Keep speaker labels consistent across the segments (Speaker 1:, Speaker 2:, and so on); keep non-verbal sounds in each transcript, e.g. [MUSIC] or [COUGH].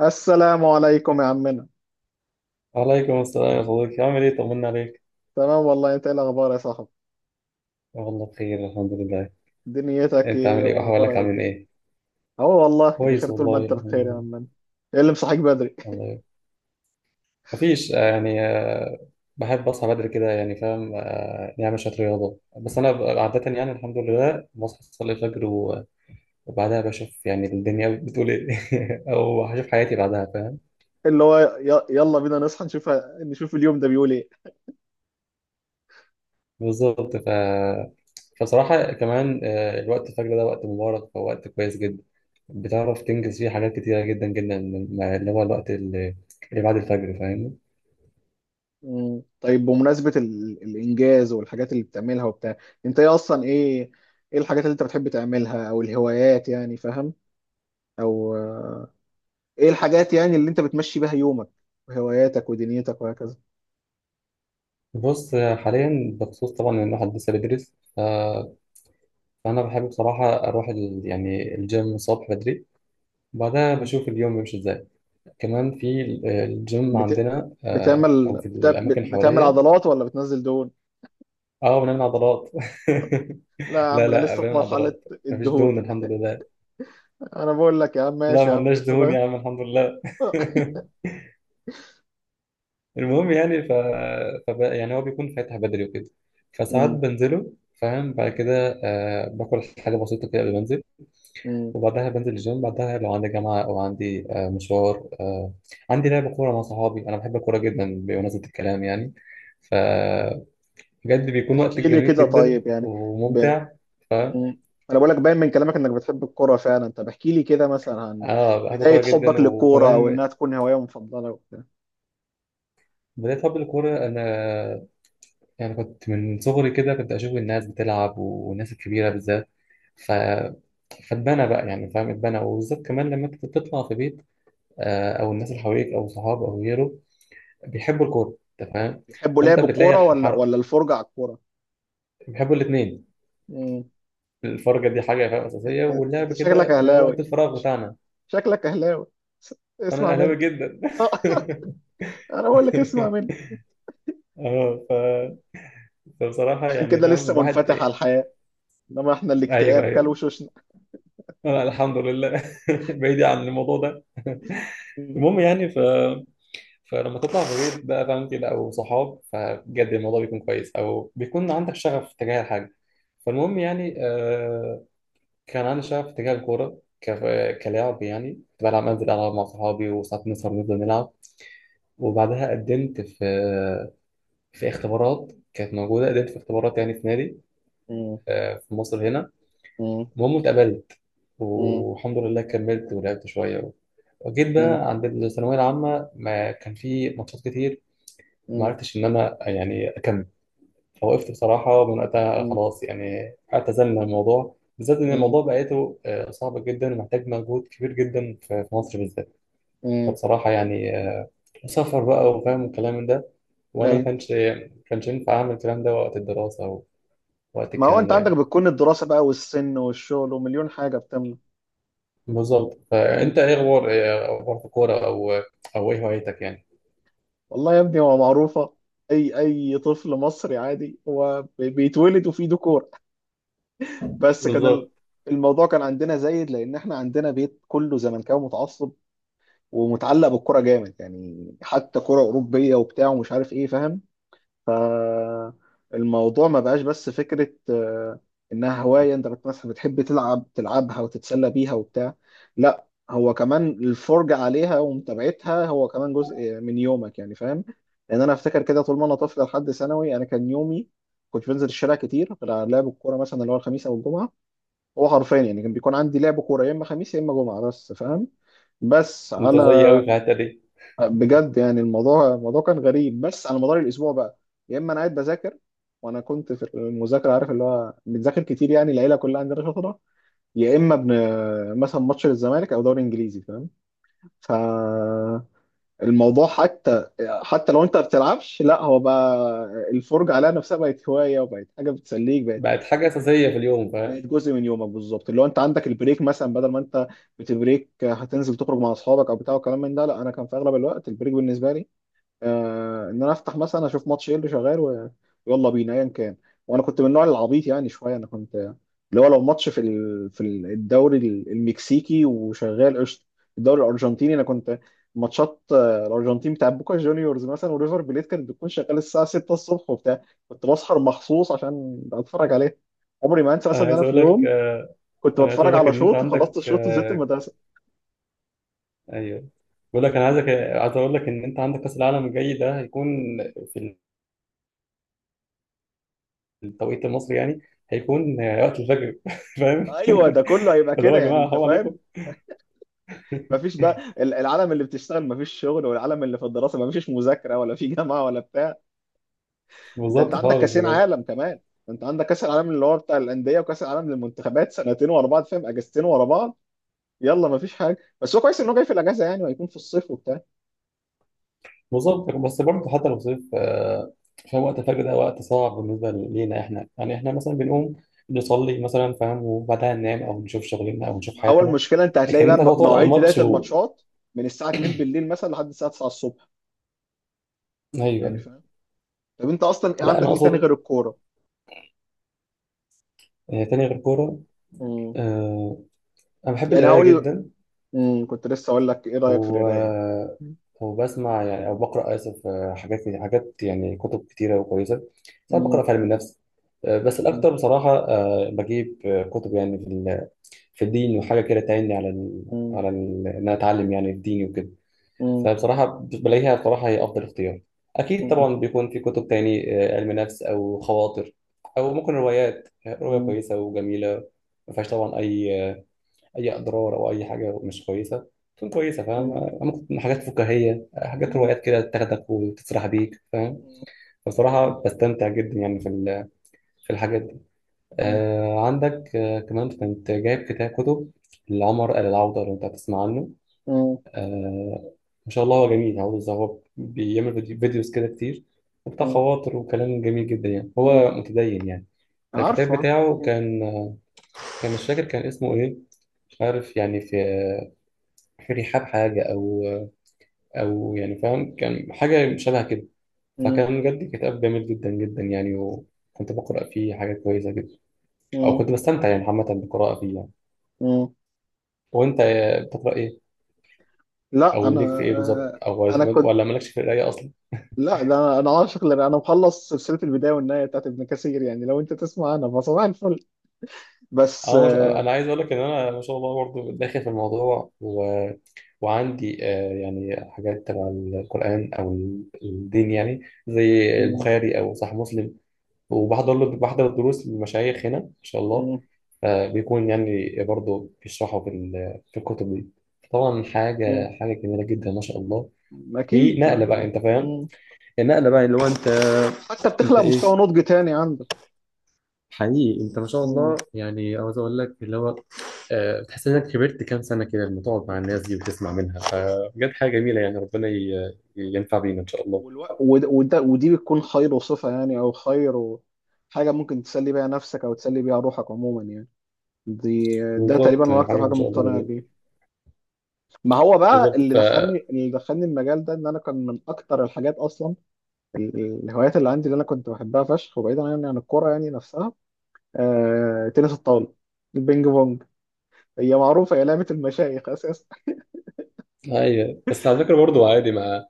Speaker 1: السلام عليكم يا عمنا.
Speaker 2: وعليكم السلام يا صديقي، عامل ايه؟ طمنا عليك.
Speaker 1: تمام والله، انت ايه الاخبار يا صاحبي؟
Speaker 2: والله بخير، الحمد لله.
Speaker 1: دنيتك
Speaker 2: انت
Speaker 1: ايه
Speaker 2: عامل ايه؟ واحوالك
Speaker 1: واخبارها ايه
Speaker 2: عامل
Speaker 1: كده؟
Speaker 2: ايه؟
Speaker 1: اهو والله
Speaker 2: كويس
Speaker 1: بخير طول ما
Speaker 2: والله،
Speaker 1: انت
Speaker 2: الحمد
Speaker 1: بخير يا
Speaker 2: لله.
Speaker 1: عمنا. ايه اللي مصحيك بدري؟
Speaker 2: الله يبارك. مفيش يعني بحب اصحى بدري كده يعني فاهم، نعمل شويه رياضه. بس انا عاده يعني الحمد لله بصحى اصلي الفجر وبعدها بشوف يعني الدنيا بتقول ايه. [LAUGHS] او هشوف حياتي بعدها.
Speaker 1: [LAUGHS] اللي هو يلا بينا نصحى نشوف، نشوف اليوم ده بيقول ايه؟
Speaker 2: بالظبط فصراحة كمان، الوقت الفجر ده وقت مبارك ووقت كويس جدا. بتعرف تنجز فيه حاجات كتيرة جدا جدا، مع اللي هو الوقت اللي بعد الفجر، فاهمني؟
Speaker 1: مم. طيب بمناسبة الانجاز والحاجات اللي بتعملها وبتاع. انت ايه اصلا ايه ايه الحاجات اللي انت بتحب تعملها او الهوايات يعني فاهم، او ايه الحاجات يعني اللي انت بتمشي بيها يومك وهواياتك ودنيتك وهكذا؟
Speaker 2: بص، حاليا بخصوص طبعا إن الواحد لسه بيدرس. فأنا بحب بصراحة أروح يعني الجيم الصبح بدري، وبعدها بشوف اليوم بيمشي إزاي. كمان في الجيم
Speaker 1: بت...
Speaker 2: عندنا، أو
Speaker 1: بتعمل
Speaker 2: في
Speaker 1: بت...
Speaker 2: الأماكن
Speaker 1: بتعمل
Speaker 2: حواليا.
Speaker 1: عضلات ولا بتنزل دهون؟
Speaker 2: أه، بنعمل عضلات.
Speaker 1: لا يا
Speaker 2: [LAUGHS]
Speaker 1: عم،
Speaker 2: لا
Speaker 1: انا
Speaker 2: لا،
Speaker 1: لسه في
Speaker 2: بنعمل
Speaker 1: مرحلة
Speaker 2: عضلات. مفيش
Speaker 1: الدهون.
Speaker 2: دهون الحمد لله.
Speaker 1: انا بقول لك يا عم،
Speaker 2: لا
Speaker 1: ماشي
Speaker 2: ما
Speaker 1: يا عم،
Speaker 2: عندناش دهون
Speaker 1: فاهم؟
Speaker 2: يا عم، الحمد لله. [LAUGHS] المهم يعني يعني هو بيكون فاتح بدري وكده، فساعات
Speaker 1: مم.
Speaker 2: بنزله. فاهم؟ بعد كده باكل حاجة بسيطة كده قبل ما انزل،
Speaker 1: مم.
Speaker 2: وبعدها بنزل الجيم. بعدها لو عندي جامعة أو عندي مشوار، عندي لعب كورة مع صحابي. أنا بحب الكورة جدا بمناسبة الكلام يعني. فبجد بيكون وقت
Speaker 1: احكي لي
Speaker 2: جميل
Speaker 1: كده
Speaker 2: جدا
Speaker 1: طيب يعني ب...
Speaker 2: وممتع. فاهم؟
Speaker 1: مم. انا بقول لك باين من كلامك انك بتحب الكورة فعلا. طب احكي لي كده مثلا عن
Speaker 2: اه، بحب الكورة
Speaker 1: بداية
Speaker 2: جدا
Speaker 1: حبك للكورة، او انها
Speaker 2: وكمان.
Speaker 1: تكون هواية مفضلة وبتاع.
Speaker 2: بدأت أحب الكورة أنا، يعني كنت من صغري كده كنت أشوف الناس بتلعب والناس الكبيرة بالذات. ف... فاتبنى بقى يعني، فاهم، اتبنى. وبالذات كمان لما أنت بتطلع في بيت، أو الناس اللي حواليك أو صحاب أو غيره، بيحبوا الكورة أنت فاهم.
Speaker 1: بيحبوا
Speaker 2: فأنت
Speaker 1: لعب
Speaker 2: بتلاقي
Speaker 1: الكورة، ولا ولا الفرجة على الكورة؟
Speaker 2: بيحبوا الاتنين.
Speaker 1: مم.
Speaker 2: الفرجة دي حاجة فاهم أساسية،
Speaker 1: انت
Speaker 2: واللعب
Speaker 1: شكلك
Speaker 2: كده، وقت
Speaker 1: اهلاوي،
Speaker 2: الفراغ
Speaker 1: ش-
Speaker 2: بتاعنا.
Speaker 1: شكلك اهلاوي، س-
Speaker 2: فأنا
Speaker 1: اسمع
Speaker 2: أهلاوي
Speaker 1: مني.
Speaker 2: جدا.
Speaker 1: [LAUGHS] انا بقول لك اسمع مني.
Speaker 2: [LAUGHS] اه فبصراحة
Speaker 1: عشان
Speaker 2: يعني
Speaker 1: كده
Speaker 2: فاهم
Speaker 1: لسه
Speaker 2: الواحد.
Speaker 1: منفتح على الحياة، انما احنا الاكتئاب
Speaker 2: أيوه
Speaker 1: كل
Speaker 2: أيوه،
Speaker 1: وشوشنا.
Speaker 2: أنا الحمد لله، [LAUGHS] بعيد عن الموضوع ده.
Speaker 1: مم.
Speaker 2: المهم يعني فلما تطلع بغير بقى، فاهم، كده او صحاب، فبجد الموضوع بيكون كويس، او بيكون عندك شغف تجاه الحاجه. فالمهم يعني، كان عندي شغف تجاه الكوره كلاعب. يعني كنت بلعب، انزل العب مع صحابي وساعات نسهر نفضل نلعب.
Speaker 1: مم.
Speaker 2: وبعدها قدمت في اختبارات كانت موجوده. قدمت في اختبارات يعني في نادي،
Speaker 1: مم.
Speaker 2: في مصر هنا.
Speaker 1: مم.
Speaker 2: المهم اتقبلت،
Speaker 1: مم.
Speaker 2: والحمد لله كملت ولعبت شويه. وجيت
Speaker 1: مم.
Speaker 2: بقى عند الثانويه العامه، ما كان في ماتشات كتير. ما
Speaker 1: مم.
Speaker 2: عرفتش ان انا يعني اكمل، فوقفت بصراحه من وقتها.
Speaker 1: مم.
Speaker 2: خلاص يعني اعتزلنا الموضوع، بالذات ان
Speaker 1: مم.
Speaker 2: الموضوع بقيته صعب جدا ومحتاج مجهود كبير جدا في مصر بالذات.
Speaker 1: مم.
Speaker 2: فبصراحه يعني، سفر بقى وفاهم الكلام من ده، وانا ما
Speaker 1: ايوه.
Speaker 2: كانش ما كانش ينفع اعمل الكلام ده وقت الدراسه ووقت
Speaker 1: ما هو
Speaker 2: الكلام
Speaker 1: انت
Speaker 2: ده
Speaker 1: عندك
Speaker 2: يعني.
Speaker 1: بتكون الدراسة بقى والسن والشغل ومليون حاجة بتمنع.
Speaker 2: بالظبط.
Speaker 1: مم.
Speaker 2: فانت ايه اخبار إيه اخبار في الكوره، او ايه هوايتك يعني؟
Speaker 1: والله يا ابني، هو معروفة. اي طفل مصري عادي هو بيتولد وفيه ديكور. بس كان
Speaker 2: بالظبط.
Speaker 1: الموضوع كان عندنا زايد، لان احنا عندنا بيت كله زملكاوي متعصب ومتعلق بالكرة جامد، يعني حتى كرة أوروبية وبتاع ومش عارف ايه، فاهم. فالموضوع ما بقاش بس فكرة، إنها هواية أنت مثلا بتحب تلعبها وتتسلى بيها وبتاع. لا، هو كمان الفرجة عليها ومتابعتها هو كمان جزء من يومك يعني، فاهم. لأن أنا أفتكر كده، طول ما أنا طفل لحد ثانوي أنا كان يومي، كنت بنزل الشارع كتير غير على لعب الكورة مثلا اللي هو الخميس أو الجمعة. هو حرفيا يعني كان بيكون عندي لعب كورة يا إما خميس يا إما جمعة بس، فاهم. بس
Speaker 2: انت
Speaker 1: على
Speaker 2: زيي قوي في
Speaker 1: آه.
Speaker 2: الحته دي.
Speaker 1: بجد يعني الموضوع كان غريب، بس على مدار الاسبوع بقى، يا اما انا قاعد بذاكر. وانا كنت في المذاكره عارف اللي هو بنذاكر كتير يعني العيله كلها عندنا شاطره، يا اما مثلا ماتش للزمالك او دوري انجليزي، فاهم. فالموضوع، حتى حتى لو انت ما بتلعبش لا، هو بقى الفرجه عليها نفسها بقت هوايه وبقت حاجه بتسليك. بقت
Speaker 2: بقت حاجه اساسيه في اليوم
Speaker 1: بقت
Speaker 2: فاهم.
Speaker 1: جزء من يومك بالظبط، اللي هو انت عندك البريك مثلا، بدل ما انت بتبريك هتنزل تخرج مع اصحابك او بتاع وكلام من ده. لا، انا كان في اغلب الوقت البريك بالنسبه لي، ان انا افتح مثلا اشوف ماتش ايه اللي شغال ويلا بينا ايا كان. وانا كنت من النوع العبيط يعني شويه، انا كنت اللي هو لو ماتش في الدوري المكسيكي وشغال قشطه. الدوري الارجنتيني، انا كنت ماتشات الارجنتين بتاع بوكا جونيورز مثلا وريفر بليت كانت بتكون شغاله الساعه 6 الصبح وبتاع. كنت بسهر مخصوص عشان اتفرج عليها. عمري ما انسى
Speaker 2: انا
Speaker 1: مثلا ان
Speaker 2: عايز
Speaker 1: انا في
Speaker 2: اقول لك،
Speaker 1: يوم كنت
Speaker 2: انا عايز
Speaker 1: بتفرج
Speaker 2: اقول لك
Speaker 1: على
Speaker 2: ان انت
Speaker 1: شوط، وخلصت
Speaker 2: عندك،
Speaker 1: الشوط ونزلت المدرسه.
Speaker 2: ايوه، بقول لك انا عايزك، عايز اقول لك ان انت عندك كاس العالم الجاي ده هيكون في التوقيت المصري يعني، هيكون وقت الفجر. [LAUGHS] فاهم؟
Speaker 1: ايوه، ده كله هيبقى
Speaker 2: اللي هو
Speaker 1: كده
Speaker 2: يا
Speaker 1: يعني،
Speaker 2: جماعه
Speaker 1: انت
Speaker 2: حرام
Speaker 1: فاهم.
Speaker 2: عليكم.
Speaker 1: مفيش بقى العالم اللي بتشتغل مفيش شغل، والعالم اللي في الدراسه مفيش مذاكره ولا في [LAUGHS] جامعه ولا بتاع. ده انت
Speaker 2: بالظبط
Speaker 1: عندك
Speaker 2: خالص
Speaker 1: كاسين
Speaker 2: بجد.
Speaker 1: عالم كمان. ده انت عندك كاس العالم اللي هو بتاع الانديه، وكاس العالم للمنتخبات، سنتين ورا بعض فاهم، اجازتين ورا بعض. يلا، مفيش حاجه، بس هو كويس انه جاي في الاجازه يعني، وهيكون في الصيف وبتاع.
Speaker 2: بالظبط. بس برضه حتى لو صيف، فاهم وقت الفجر ده وقت صعب بالنسبه لينا احنا. يعني احنا مثلا بنقوم نصلي مثلا، فاهم، وبعدها ننام او نشوف شغلنا او نشوف
Speaker 1: ما اول
Speaker 2: حياتنا.
Speaker 1: مشكله انت هتلاقي
Speaker 2: لكن
Speaker 1: بقى
Speaker 2: انت تقعد على
Speaker 1: مواعيد بدايه
Speaker 2: الماتش
Speaker 1: الماتشات من الساعه 2 بالليل مثلا لحد الساعه 9 الصبح، يعني
Speaker 2: ايوه.
Speaker 1: فاهم. طب انت اصلا
Speaker 2: لا انا
Speaker 1: عندك ايه تاني
Speaker 2: اقصد،
Speaker 1: غير الكوره؟
Speaker 2: تاني غير كوره.
Speaker 1: مم.
Speaker 2: آه، انا بحب
Speaker 1: يعني
Speaker 2: القرايه
Speaker 1: هقول.
Speaker 2: جدا.
Speaker 1: مم. كنت لسه اقول لك ايه رايك في القرايه؟
Speaker 2: و... وبسمع يعني او بقرا، اسف، حاجات حاجات يعني، كتب كتيره وكويسه. ساعات بقرا
Speaker 1: مم.
Speaker 2: في علم النفس، بس الاكتر بصراحه، بجيب كتب يعني في في الدين، وحاجه كده تعيني على
Speaker 1: مم.
Speaker 2: على ان انا اتعلم يعني الدين وكده.
Speaker 1: مم.
Speaker 2: فبصراحه بلاقيها بصراحه هي افضل اختيار. اكيد
Speaker 1: مم.
Speaker 2: طبعا بيكون في كتب تاني، علم نفس او خواطر، او ممكن روايات، روايه
Speaker 1: مم.
Speaker 2: كويسه وجميله، ما فيهاش طبعا اي اي اضرار او اي حاجه مش كويسه. تكون كويسه فاهم.
Speaker 1: مم.
Speaker 2: ممكن تكون حاجات فكاهيه، حاجات،
Speaker 1: مم.
Speaker 2: روايات كده تاخدك وتسرح بيك فاهم. بصراحه بستمتع جدا يعني في في الحاجات دي.
Speaker 1: مم.
Speaker 2: عندك كمان كنت جايب كتاب كتب لعمر آل العوده، لو انت هتسمع عنه.
Speaker 1: مم.
Speaker 2: آه ما شاء الله هو جميل، عاوز، هو بيعمل فيديوز كده كتير وبتاع،
Speaker 1: مم.
Speaker 2: خواطر وكلام جميل جدا يعني،
Speaker 1: مم.
Speaker 2: هو متدين يعني. الكتاب
Speaker 1: عارفه، عارفه.
Speaker 2: بتاعه
Speaker 1: مم.
Speaker 2: كان مش فاكر كان اسمه ايه. مش عارف يعني في ريحان حاجة، أو يعني فاهم كان حاجة شبه كده.
Speaker 1: مم.
Speaker 2: فكان بجد كتاب جميل جدا جدا يعني، وكنت بقرأ فيه حاجات كويسة جدا. أو
Speaker 1: مم.
Speaker 2: كنت بستمتع يعني عامة بالقراءة فيه يعني.
Speaker 1: مم.
Speaker 2: وأنت بتقرأ إيه؟
Speaker 1: لا
Speaker 2: أو
Speaker 1: انا
Speaker 2: ليك في إيه بالظبط؟
Speaker 1: آه،
Speaker 2: أو
Speaker 1: انا كنت.
Speaker 2: ولا مالكش في القراية أصلا؟
Speaker 1: لا ده انا عاشق. لأ، انا مخلص سلسله البدايه والنهايه بتاعت ابن كثير، يعني لو انت تسمع، انا فصباح الفل. بس
Speaker 2: أنا مش... أنا عايز أقول لك إن أنا ما شاء الله برضه داخل في الموضوع، وعندي، يعني حاجات تبع القرآن أو الدين يعني، زي
Speaker 1: مم.
Speaker 2: البخاري أو صحيح مسلم. وبحضر له بحضر دروس للمشايخ هنا ان شاء الله،
Speaker 1: مم.
Speaker 2: بيكون يعني برضه بيشرحوا في في الكتب دي. طبعا
Speaker 1: مم.
Speaker 2: حاجه حاجه جميله جدا ما شاء الله. في
Speaker 1: اكيد
Speaker 2: نقله بقى انت فاهم.
Speaker 1: مم.
Speaker 2: النقله بقى اللي هو انت
Speaker 1: حتى
Speaker 2: انت
Speaker 1: بتخلق
Speaker 2: ايه،
Speaker 1: مستوى نضج تاني عندك.
Speaker 2: حقيقي انت ما شاء الله يعني. عاوز اقول لك اللي هو، بتحس انك كبرت كام سنه كده لما تقعد مع الناس
Speaker 1: مم.
Speaker 2: دي وتسمع منها. فبجد حاجه جميله يعني، ربنا ينفع بينا ان شاء الله.
Speaker 1: والوقت ودي بتكون خير وصفة يعني، أو خير حاجة ممكن تسلي بيها نفسك أو تسلي بيها روحك عموما يعني. ده تقريبا
Speaker 2: بالظبط،
Speaker 1: أنا أكتر
Speaker 2: حاجه ما
Speaker 1: حاجة
Speaker 2: شاء الله
Speaker 1: مقتنع
Speaker 2: جميله.
Speaker 1: بيه. ما هو بقى
Speaker 2: بالظبط.
Speaker 1: اللي دخلني المجال ده، إن أنا كان من أكتر الحاجات أصلا الهوايات اللي عندي اللي أنا كنت بحبها فشخ، وبعيدا يعني عن الكورة يعني نفسها. تنس الطاولة، البينج بونج، هي معروفة هي لعبة المشايخ أساسا.
Speaker 2: ايوه، بس على فكره برضه عادي. مع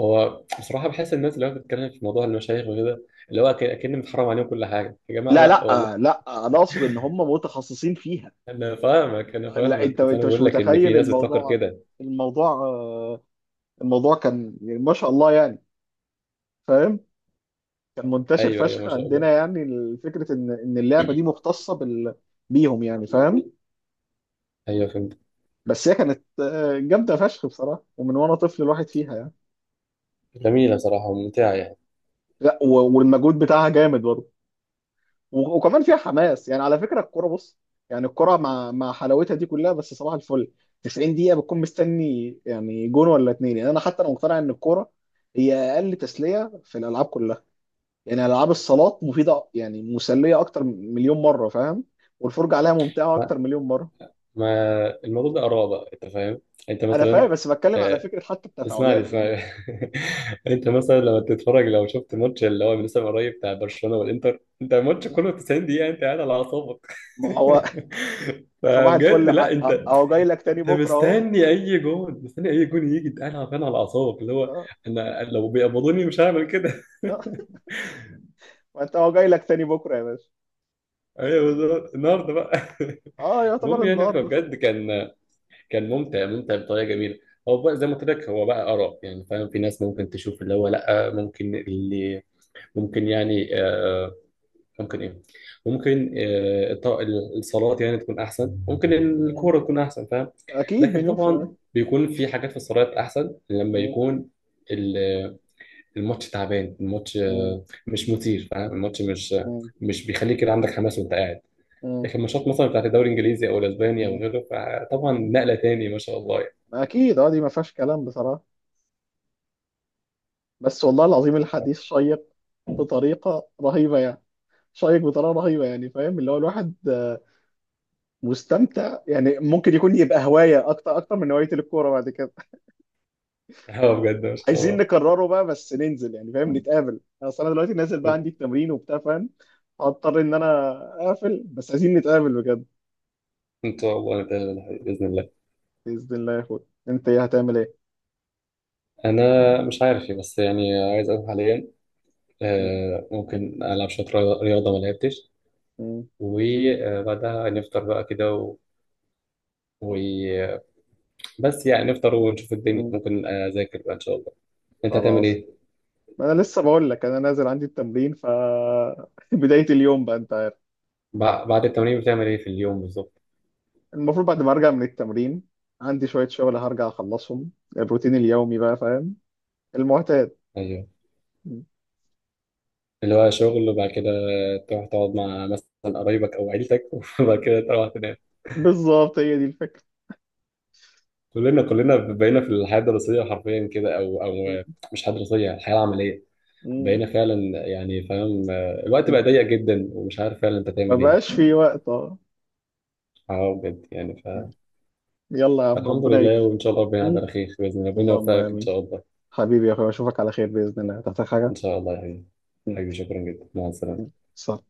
Speaker 2: هو بصراحه بحس الناس اللي هو بتتكلم في موضوع المشايخ وكده، اللي هو كأن متحرم عليهم كل حاجه. يا جماعه
Speaker 1: لا،
Speaker 2: لا
Speaker 1: لا،
Speaker 2: والله.
Speaker 1: لا، أنا أقصد إن هم متخصصين فيها.
Speaker 2: انا فاهمك انا
Speaker 1: لا، انت
Speaker 2: فاهمك، بس انا
Speaker 1: انت مش
Speaker 2: بقول لك ان في
Speaker 1: متخيل
Speaker 2: ناس بتفكر
Speaker 1: الموضوع.
Speaker 2: كده.
Speaker 1: الموضوع آه، الموضوع كان يعني ما شاء الله يعني، فاهم. كان منتشر
Speaker 2: ايوه ايوه
Speaker 1: فشخ
Speaker 2: ما شاء الله.
Speaker 1: عندنا يعني، فكرة ان اللعبة دي مختصة بيهم يعني، فاهم.
Speaker 2: ايوه فهمت.
Speaker 1: بس هي كانت جامدة فشخ بصراحة، ومن وانا طفل الواحد فيها يعني.
Speaker 2: جميله صراحه وممتعه يعني.
Speaker 1: لا، والمجهود بتاعها جامد برضه. وكمان فيها حماس يعني، على فكره الكوره بص. يعني الكوره مع حلاوتها دي كلها، بس صباح الفل، 90 دقيقه بتكون مستني يعني جون ولا اتنين، يعني انا، حتى انا مقتنع ان الكوره هي اقل تسليه في الالعاب كلها. يعني العاب الصالات مفيده، يعني مسليه اكتر من مليون مره، فاهم. والفرجه عليها ممتعه
Speaker 2: ما
Speaker 1: اكتر مليون مره.
Speaker 2: ما الموضوع ده اراء بقى انت فاهم. انت
Speaker 1: انا فاهم،
Speaker 2: مثلا،
Speaker 1: بس بتكلم على
Speaker 2: آه،
Speaker 1: فكره، حتى
Speaker 2: اسمعني
Speaker 1: التفاعلات يعني.
Speaker 2: اسمعني. [LAUGHS] انت مثلا لما تتفرج، لو شفت ماتش اللي هو لسه قريب بتاع برشلونه والانتر، انت الماتش كله 90 دقيقه انت قاعد على اعصابك.
Speaker 1: ما هو
Speaker 2: [LAUGHS]
Speaker 1: [LAUGHS] صباح الفل،
Speaker 2: فبجد لا انت،
Speaker 1: اهو جاي لك تاني
Speaker 2: انت
Speaker 1: بكره اهو.
Speaker 2: مستني اي جون، مستني اي جون يجي، انت قاعد عارفان على اعصابك اللي هو،
Speaker 1: اه.
Speaker 2: انا لو بيقبضوني مش هعمل كده.
Speaker 1: آه. [LAUGHS] ما انت اهو جاي لك تاني بكره يا باشا.
Speaker 2: [LAUGHS] ايوه بالظبط النهارده بقى.
Speaker 1: اه،
Speaker 2: [LAUGHS]
Speaker 1: يعتبر
Speaker 2: المهم يعني
Speaker 1: النهارده.
Speaker 2: فبجد كان ممتع ممتع بطريقه جميله. هو بقى زي ما قلت لك هو بقى اراء يعني، فاهم، في ناس ممكن تشوف اللي هو لا، ممكن، اللي ممكن يعني، ممكن ايه، ممكن الصلوات يعني تكون احسن، ممكن
Speaker 1: صح،
Speaker 2: الكوره تكون احسن فاهم.
Speaker 1: اكيد
Speaker 2: لكن
Speaker 1: مليون في المية.
Speaker 2: طبعا بيكون في حاجات في الصلوات احسن لما
Speaker 1: مم،
Speaker 2: يكون ال- الماتش تعبان، الماتش
Speaker 1: مم،
Speaker 2: مش مثير، فاهم، الماتش مش
Speaker 1: مم،
Speaker 2: مش بيخليك كده عندك حماس وانت قاعد.
Speaker 1: مم،
Speaker 2: لكن الماتشات مثلا بتاعت الدوري الانجليزي او الاسباني او
Speaker 1: مم،
Speaker 2: غيره فطبعا
Speaker 1: مم.
Speaker 2: نقله تاني ما شاء الله يعني.
Speaker 1: اكيد اه، دي ما فيهاش كلام بصراحة. بس والله العظيم، الحديث شيق بطريقة رهيبة يعني، شيق بطريقة رهيبة يعني، فاهم اللي هو الواحد مستمتع يعني، ممكن يكون يبقى هواية اكتر اكتر من هواية الكورة بعد كده. [LAUGHS]
Speaker 2: [LAUGHS] اه بجد ما شاء
Speaker 1: عايزين
Speaker 2: الله.
Speaker 1: نكرره بقى بس ننزل يعني فاهم، نتقابل. اصل انا دلوقتي نازل بقى عندي التمرين وبتاع فاهم، هضطر ان انا اقفل، بس عايزين نتقابل بجد.
Speaker 2: ان شاء الله نتقابل باذن الله.
Speaker 1: بإذن الله يا اخويا، انت ايه هتعمل ايه؟
Speaker 2: انا مش عارف إيه، بس يعني عايز اروح حاليا.
Speaker 1: مم،
Speaker 2: ممكن ألعب شوية رياضة، رياضة ما لعبتش.
Speaker 1: مم،
Speaker 2: وبعدها نفطر بقى كده و... بس يعني نفطر ونشوف الدنيا.
Speaker 1: مم.
Speaker 2: ممكن أذاكر بقى إن شاء الله. أنت هتعمل
Speaker 1: خلاص.
Speaker 2: إيه؟
Speaker 1: ما انا لسه بقول لك، انا نازل عندي التمرين [LAUGHS] بدايه اليوم بقى انت عارف.
Speaker 2: بعد التمرين بتعمل إيه في اليوم بالظبط؟
Speaker 1: المفروض بعد ما ارجع من التمرين، عندي شويه شغل هرجع اخلصهم، الروتين اليومي بقى فاهم، المعتاد.
Speaker 2: أيوه، اللي هو شغل، وبعد كده تروح تقعد مع مثلا قرايبك أو عيلتك، [LAUGHS] وبعد كده تروح تنام.
Speaker 1: بالظبط، هي دي الفكره.
Speaker 2: كلنا بقينا في الحياة الدراسية حرفيا كده، أو مش حياة دراسية، الحياة العملية.
Speaker 1: مم.
Speaker 2: بقينا فعلا يعني فاهم، الوقت
Speaker 1: مم.
Speaker 2: بقى ضيق جدا ومش عارف فعلا أنت
Speaker 1: ما
Speaker 2: تعمل إيه.
Speaker 1: بقاش في وقت، اه.
Speaker 2: اه بجد يعني.
Speaker 1: يلا يا عم،
Speaker 2: الحمد
Speaker 1: ربنا
Speaker 2: لله
Speaker 1: يكرم.
Speaker 2: وإن شاء الله ربنا يعد
Speaker 1: مم.
Speaker 2: على خير بإذن الله، ربنا
Speaker 1: اللهم
Speaker 2: يوفقك إن
Speaker 1: امين.
Speaker 2: شاء الله.
Speaker 1: حبيبي يا اخويا، اشوفك على خير باذن الله، تحتاج
Speaker 2: إن
Speaker 1: حاجه؟
Speaker 2: شاء الله يا حبيبي.
Speaker 1: مم.
Speaker 2: حبيبي شكرا جدا، مع السلامة.
Speaker 1: مم. سلام.